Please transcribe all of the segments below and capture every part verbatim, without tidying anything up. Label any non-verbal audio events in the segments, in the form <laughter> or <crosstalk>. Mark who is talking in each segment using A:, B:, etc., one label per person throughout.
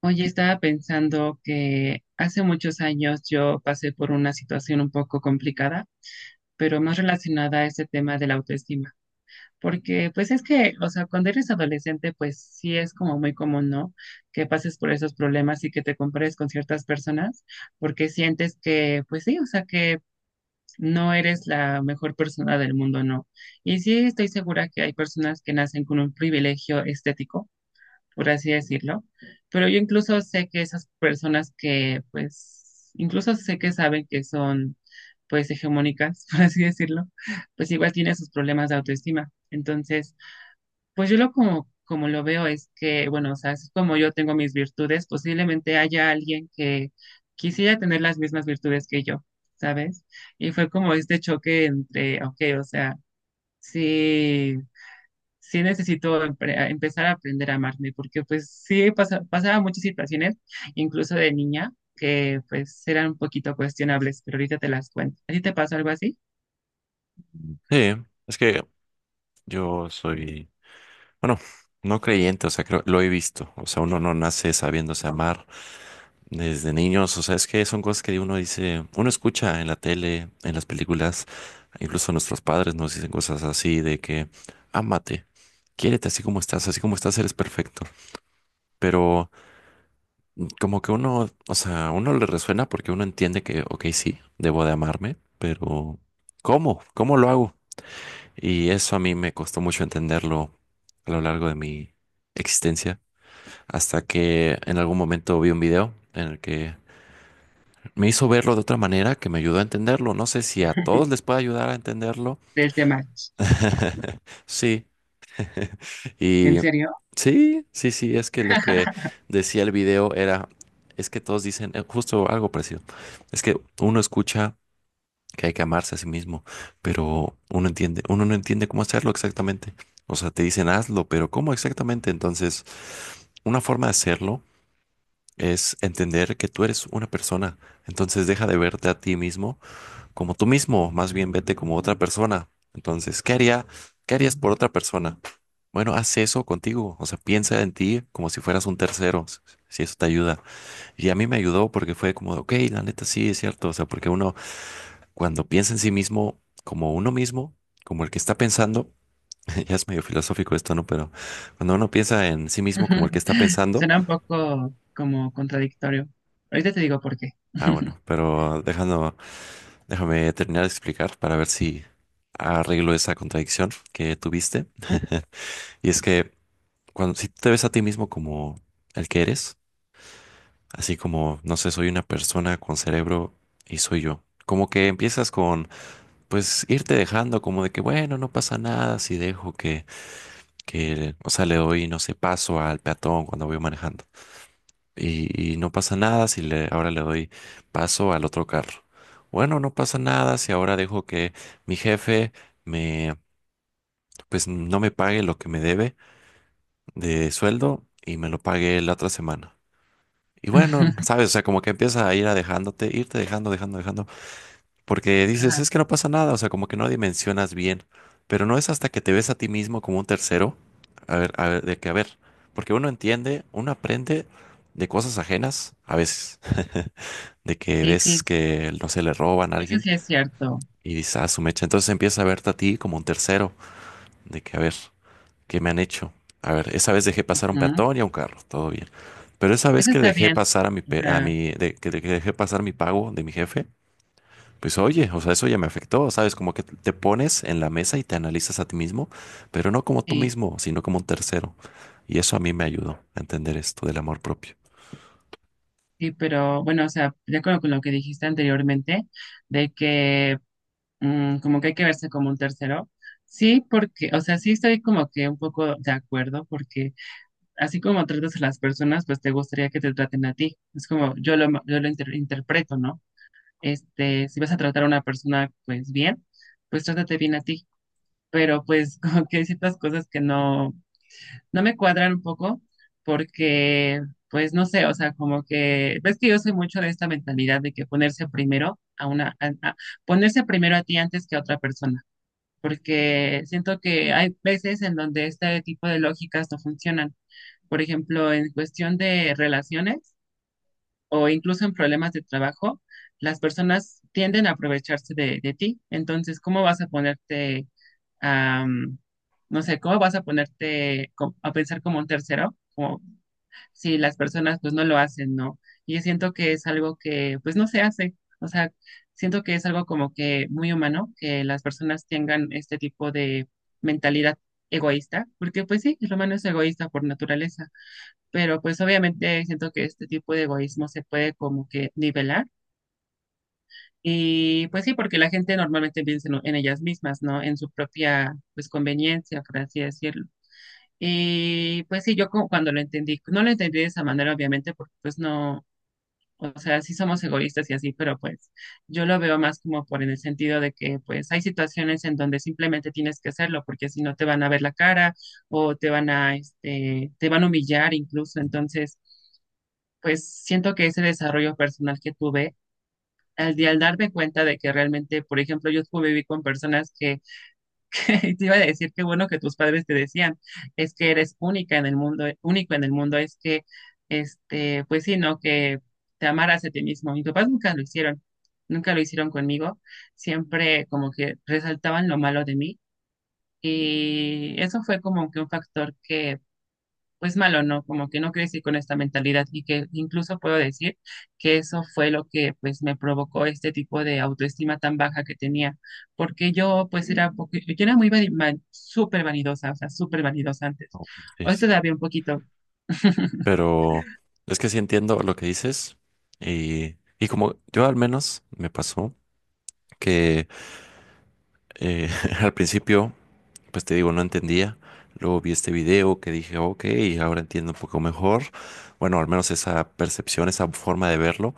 A: Oye, estaba pensando que hace muchos años yo pasé por una situación un poco complicada, pero más relacionada a este tema de la autoestima, porque pues es que, o sea, cuando eres adolescente, pues sí es como muy común, ¿no? Que pases por esos problemas y que te compares con ciertas personas, porque sientes que, pues sí, o sea, que no eres la mejor persona del mundo, ¿no? Y sí estoy segura que hay personas que nacen con un privilegio estético, por así decirlo. Pero yo incluso sé que esas personas que, pues, incluso sé que saben que son, pues, hegemónicas, <laughs> por así decirlo, pues igual tienen sus problemas de autoestima. Entonces, pues yo lo como, como lo veo es que, bueno, o sea, así como yo tengo mis virtudes, posiblemente haya alguien que quisiera tener las mismas virtudes que yo, ¿sabes? Y fue como este choque entre, ok, o sea, sí sí necesito empre- empezar a aprender a amarme, porque pues sí pasa- pasaba muchas situaciones, incluso de niña, que pues eran un poquito cuestionables, pero ahorita te las cuento. ¿A ti te pasó algo así?
B: Sí, es que yo soy, bueno, no creyente, o sea, creo, lo he visto, o sea, uno no nace sabiéndose amar desde niños. O sea, es que son cosas que uno dice, uno escucha en la tele, en las películas, incluso nuestros padres nos dicen cosas así de que, ámate, quiérete así como estás, así como estás eres perfecto, pero mm, como que uno, o sea, uno le resuena porque uno entiende que, ok, sí, debo de amarme, pero ¿cómo? ¿Cómo lo hago? Y eso a mí me costó mucho entenderlo a lo largo de mi existencia, hasta que en algún momento vi un video en el que me hizo verlo de otra manera que me ayudó a entenderlo. No sé si a todos les puede ayudar a entenderlo.
A: Del tema.
B: <laughs> Sí. Y
A: ¿En serio?
B: sí, sí, sí, es que lo que decía el video era, es que todos dicen eh, justo algo parecido. Es que uno escucha que hay que amarse a sí mismo, pero uno entiende, uno no entiende cómo hacerlo exactamente. O sea, te dicen hazlo, pero ¿cómo exactamente? Entonces, una forma de hacerlo es entender que tú eres una persona. Entonces, deja de verte a ti mismo como tú mismo, más bien vete como otra persona. Entonces, ¿qué haría, qué harías por otra persona? Bueno, haz eso contigo, o sea, piensa en ti como si fueras un tercero, si si eso te ayuda. Y a mí me ayudó porque fue como, de, ok, la neta sí, es cierto, o sea, porque uno cuando piensa en sí mismo como uno mismo, como el que está pensando, <laughs> ya es medio filosófico esto, ¿no? Pero cuando uno piensa en sí mismo como el que está
A: <laughs>
B: pensando,
A: Suena un poco como contradictorio. Ahorita te digo por qué.
B: ah, bueno, pero dejando, déjame terminar de explicar para ver si arreglo esa contradicción que tuviste.
A: <laughs>
B: Y es que cuando si tú te ves a ti mismo como el que eres, así como, no sé, soy una persona con cerebro y soy yo. Como que empiezas con, pues, irte dejando como de que, bueno, no pasa nada si dejo que que, o sea, le doy, no sé, paso al peatón cuando voy manejando. Y, y no pasa nada si le, ahora le doy paso al otro carro. Bueno, no pasa nada si ahora dejo que mi jefe me, pues no me pague lo que me debe de sueldo y me lo pague la otra semana. Y bueno, sabes, o sea, como que empieza a ir a dejándote, irte dejando, dejando, dejando. Porque dices,
A: Ajá.
B: es que no pasa nada, o sea, como que no dimensionas bien, pero no es hasta que te ves a ti mismo como un tercero, a ver, a ver, de que, a ver, porque uno entiende, uno aprende de cosas ajenas a veces, <laughs> de que
A: Sí,
B: ves
A: sí,
B: que, no se le roban a
A: eso
B: alguien
A: sí es cierto.
B: y dices, ah, su mecha, entonces empiezas a verte a ti como un tercero, de que, a ver, ¿qué me han hecho? A ver, esa vez dejé pasar a un
A: Ujú.
B: peatón y a un carro, todo bien, pero esa vez
A: Eso
B: que
A: está
B: dejé
A: bien.
B: pasar a mi, pe- a
A: Ajá,
B: mi, de- que dejé pasar mi pago de mi jefe, pues oye, o sea, eso ya me afectó, ¿sabes? Como que te pones en la mesa y te analizas a ti mismo, pero no como tú
A: sí,
B: mismo, sino como un tercero. Y eso a mí me ayudó a entender esto del amor propio.
A: sí, pero bueno, o sea, de acuerdo con lo que dijiste anteriormente, de que mm, como que hay que verse como un tercero. Sí, porque, o sea, sí estoy como que un poco de acuerdo, porque así como tratas a las personas, pues te gustaría que te traten a ti. Es como yo lo, yo lo inter- interpreto, ¿no? Este, si vas a tratar a una persona, pues bien, pues trátate bien a ti. Pero pues <laughs> como que hay ciertas cosas que no, no me cuadran un poco, porque, pues no sé, o sea, como que, ves que yo soy mucho de esta mentalidad de que ponerse primero a una, a- a- ponerse primero a ti antes que a otra persona porque siento que hay veces en donde este tipo de lógicas no funcionan. Por ejemplo, en cuestión de relaciones o incluso en problemas de trabajo, las personas tienden a aprovecharse de, de ti. Entonces, ¿cómo vas a ponerte a, mm, no sé, cómo vas a ponerte co- a pensar como un tercero, como si las personas pues no lo hacen, ¿no? Y yo siento que es algo que pues no se hace, o sea, siento que es algo como que muy humano, que las personas tengan este tipo de mentalidad egoísta, porque pues sí, el humano es egoísta por naturaleza, pero pues obviamente siento que este tipo de egoísmo se puede como que nivelar. Y pues sí, porque la gente normalmente piensa en, en ellas mismas, ¿no? En su propia, pues, conveniencia, por así decirlo. Y pues sí, yo como cuando lo entendí, no lo entendí de esa manera, obviamente, porque pues no, o sea, sí somos egoístas y así, pero pues yo lo veo más como por en el sentido de que pues hay situaciones en donde simplemente tienes que hacerlo porque si no te van a ver la cara o te van a, este, te van a humillar incluso. Entonces, pues siento que ese desarrollo personal que tuve, al, de- al darme cuenta de que realmente, por ejemplo, yo conviví con personas que <laughs> te iba a decir que bueno que tus padres te decían, es que eres única en el mundo, único en el mundo, es que, este, pues sí, ¿no? Que te amaras a ti mismo. Mis papás nunca lo hicieron, nunca lo hicieron conmigo, siempre como que resaltaban lo malo de mí y eso fue como que un factor que pues malo, ¿no? Como que no crecí con esta mentalidad y que incluso puedo decir que eso fue lo que pues me provocó este tipo de autoestima tan baja que tenía, porque yo pues era, un poqu- yo era muy vani- van- súper vanidosa, o sea, súper vanidosa antes.
B: Oh, sí,
A: Hoy
B: sí.
A: todavía un poquito.
B: Pero es que sí entiendo lo que dices y, y como yo al menos me pasó que Eh, <laughs> al principio, pues te digo, no entendía. Luego vi este video que dije, ok, ahora entiendo un poco mejor. Bueno, al menos esa percepción, esa forma de verlo,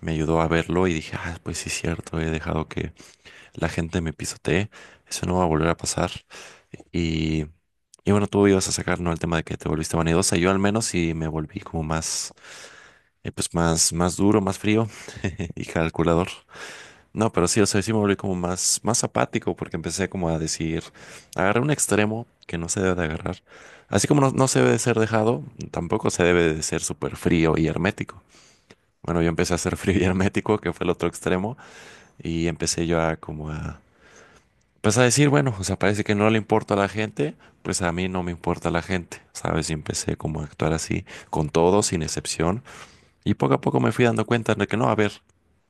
B: me ayudó a verlo y dije, ah, pues sí es cierto, he dejado que la gente me pisotee. Eso no va a volver a pasar. Y, y bueno, tú ibas a sacar, ¿no? El tema de que te volviste vanidosa. Yo al menos sí me volví como más, eh, pues más, más duro, más frío <laughs> y calculador. No, pero sí, o sea, sí me volví como más, más apático porque empecé como a decir, agarré un extremo que no se debe de agarrar. Así como no, no se debe de ser dejado, tampoco se debe de ser súper frío y hermético. Bueno, yo empecé a ser <laughs> frío y hermético, que fue el otro extremo, y empecé yo a como a, pues a decir, bueno, o sea, parece que no le importa a la gente, pues a mí no me importa la gente, ¿sabes? Y empecé como a actuar así con todo, sin excepción. Y poco a poco me fui dando cuenta de que no, a ver,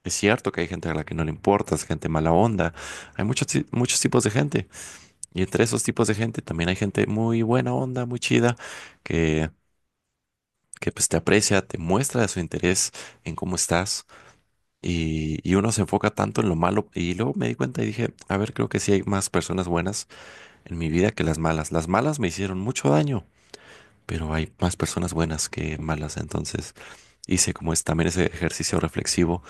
B: es cierto que hay gente a la que no le importas, gente mala onda, hay muchos, ti- muchos tipos de gente. Y entre esos tipos de gente también hay gente muy buena onda, muy chida, que, que pues te aprecia, te muestra su interés en cómo estás. Y, y uno se enfoca tanto en lo malo. Y luego me di cuenta y dije, a ver, creo que sí hay más personas buenas en mi vida que las malas. Las malas me hicieron mucho daño, pero hay más personas buenas que malas. Entonces hice como es también ese ejercicio reflexivo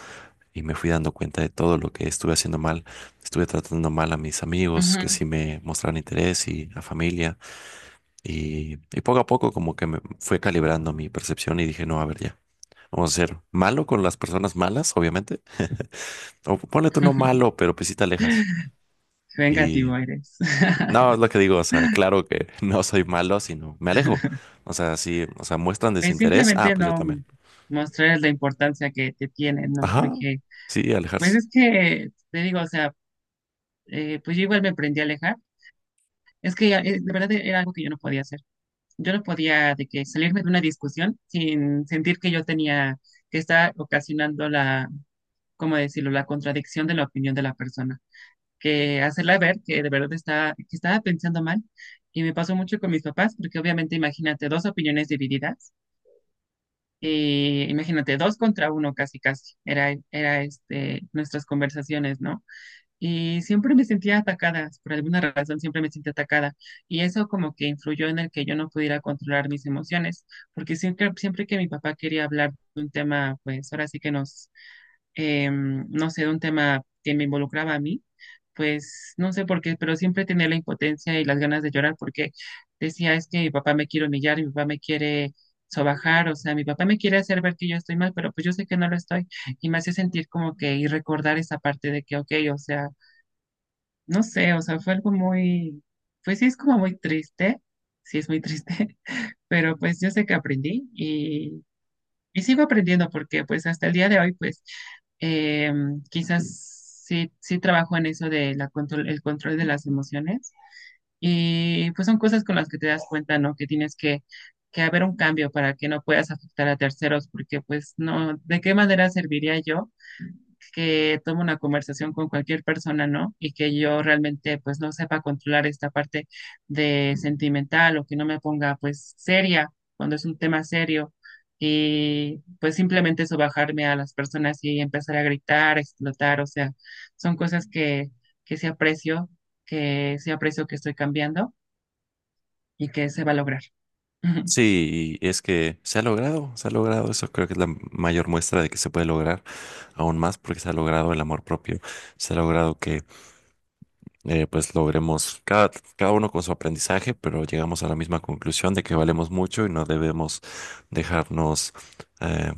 B: y me fui dando cuenta de todo lo que estuve haciendo mal. Estuve tratando mal a mis amigos que
A: Ujú.
B: sí me mostraron interés y a familia. Y, y poco a poco como que me fue calibrando mi percepción y dije, no, a ver ya. Vamos a ser malo con las personas malas, obviamente. O ponle tú no malo, pero pues sí te alejas. Y
A: Vengativo eres.
B: no,
A: <laughs>
B: es lo que digo, o sea, claro que <laughs> no soy malo, sino me alejo. O sea, sí, o sea, muestran
A: Pues
B: desinterés. Ah,
A: simplemente
B: pues yo
A: no
B: también.
A: mostrar la importancia que te tienen, ¿no?
B: Ajá,
A: Porque
B: sí,
A: pues
B: alejarse.
A: es que, te digo, o sea, eh, pues yo igual me aprendí a alejar. Es que eh, de verdad era algo que yo no podía hacer. Yo no podía de que salirme de una discusión sin sentir que yo tenía que estar ocasionando la, ¿cómo decirlo?, la contradicción de la opinión de la persona, que hacerla ver que de verdad está, que estaba pensando mal. Y me pasó mucho con mis papás, porque obviamente imagínate dos opiniones divididas, y imagínate dos contra uno casi casi, era, era este, nuestras conversaciones, ¿no? Y siempre me sentía atacada, por alguna razón siempre me sentía atacada. Y eso como que influyó en el que yo no pudiera controlar mis emociones, porque siempre, siempre que mi papá quería hablar de un tema, pues ahora sí que nos, em, no sé, de un tema que me involucraba a mí, pues no sé por qué, pero siempre tenía la impotencia y las ganas de llorar porque decía, es que mi papá me quiere humillar, mi papá me quiere sobajar, o sea, mi papá me quiere hacer ver que yo estoy mal, pero pues yo sé que no lo estoy y me hacía sentir como que y recordar esa parte de que, ok, o sea, no sé, o sea, fue algo muy, pues sí es como muy triste, sí es muy triste, <laughs> pero pues yo sé que aprendí y, y sigo aprendiendo porque pues hasta el día de hoy pues eh, quizás sí, sí trabajo en eso de la control, el control de las emociones y pues son cosas con las que te das cuenta, ¿no? Que tienes que, que haber un cambio para que no puedas afectar a terceros porque pues no, ¿de qué manera serviría yo? Que tome una conversación con cualquier persona, ¿no? Y que yo realmente pues no sepa controlar esta parte de sentimental o que no me ponga pues seria cuando es un tema serio y pues simplemente eso bajarme a las personas y empezar a gritar, a explotar, o sea, son cosas que, que sí aprecio, que sí aprecio que estoy cambiando y que se va a lograr. <laughs>
B: Sí, y es que se ha logrado, se ha logrado, eso creo que es la mayor muestra de que se puede lograr aún más porque se ha logrado el amor propio, se ha logrado que eh, pues logremos cada, cada uno con su aprendizaje, pero llegamos a la misma conclusión de que valemos mucho y no debemos dejarnos eh,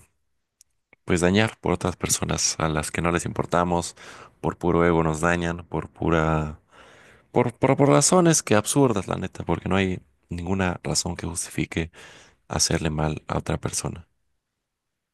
B: pues dañar por otras personas a las que no les importamos, por puro ego nos dañan, por pura, por, por, por razones que absurdas, la neta, porque no hay ninguna razón que justifique hacerle mal a otra persona.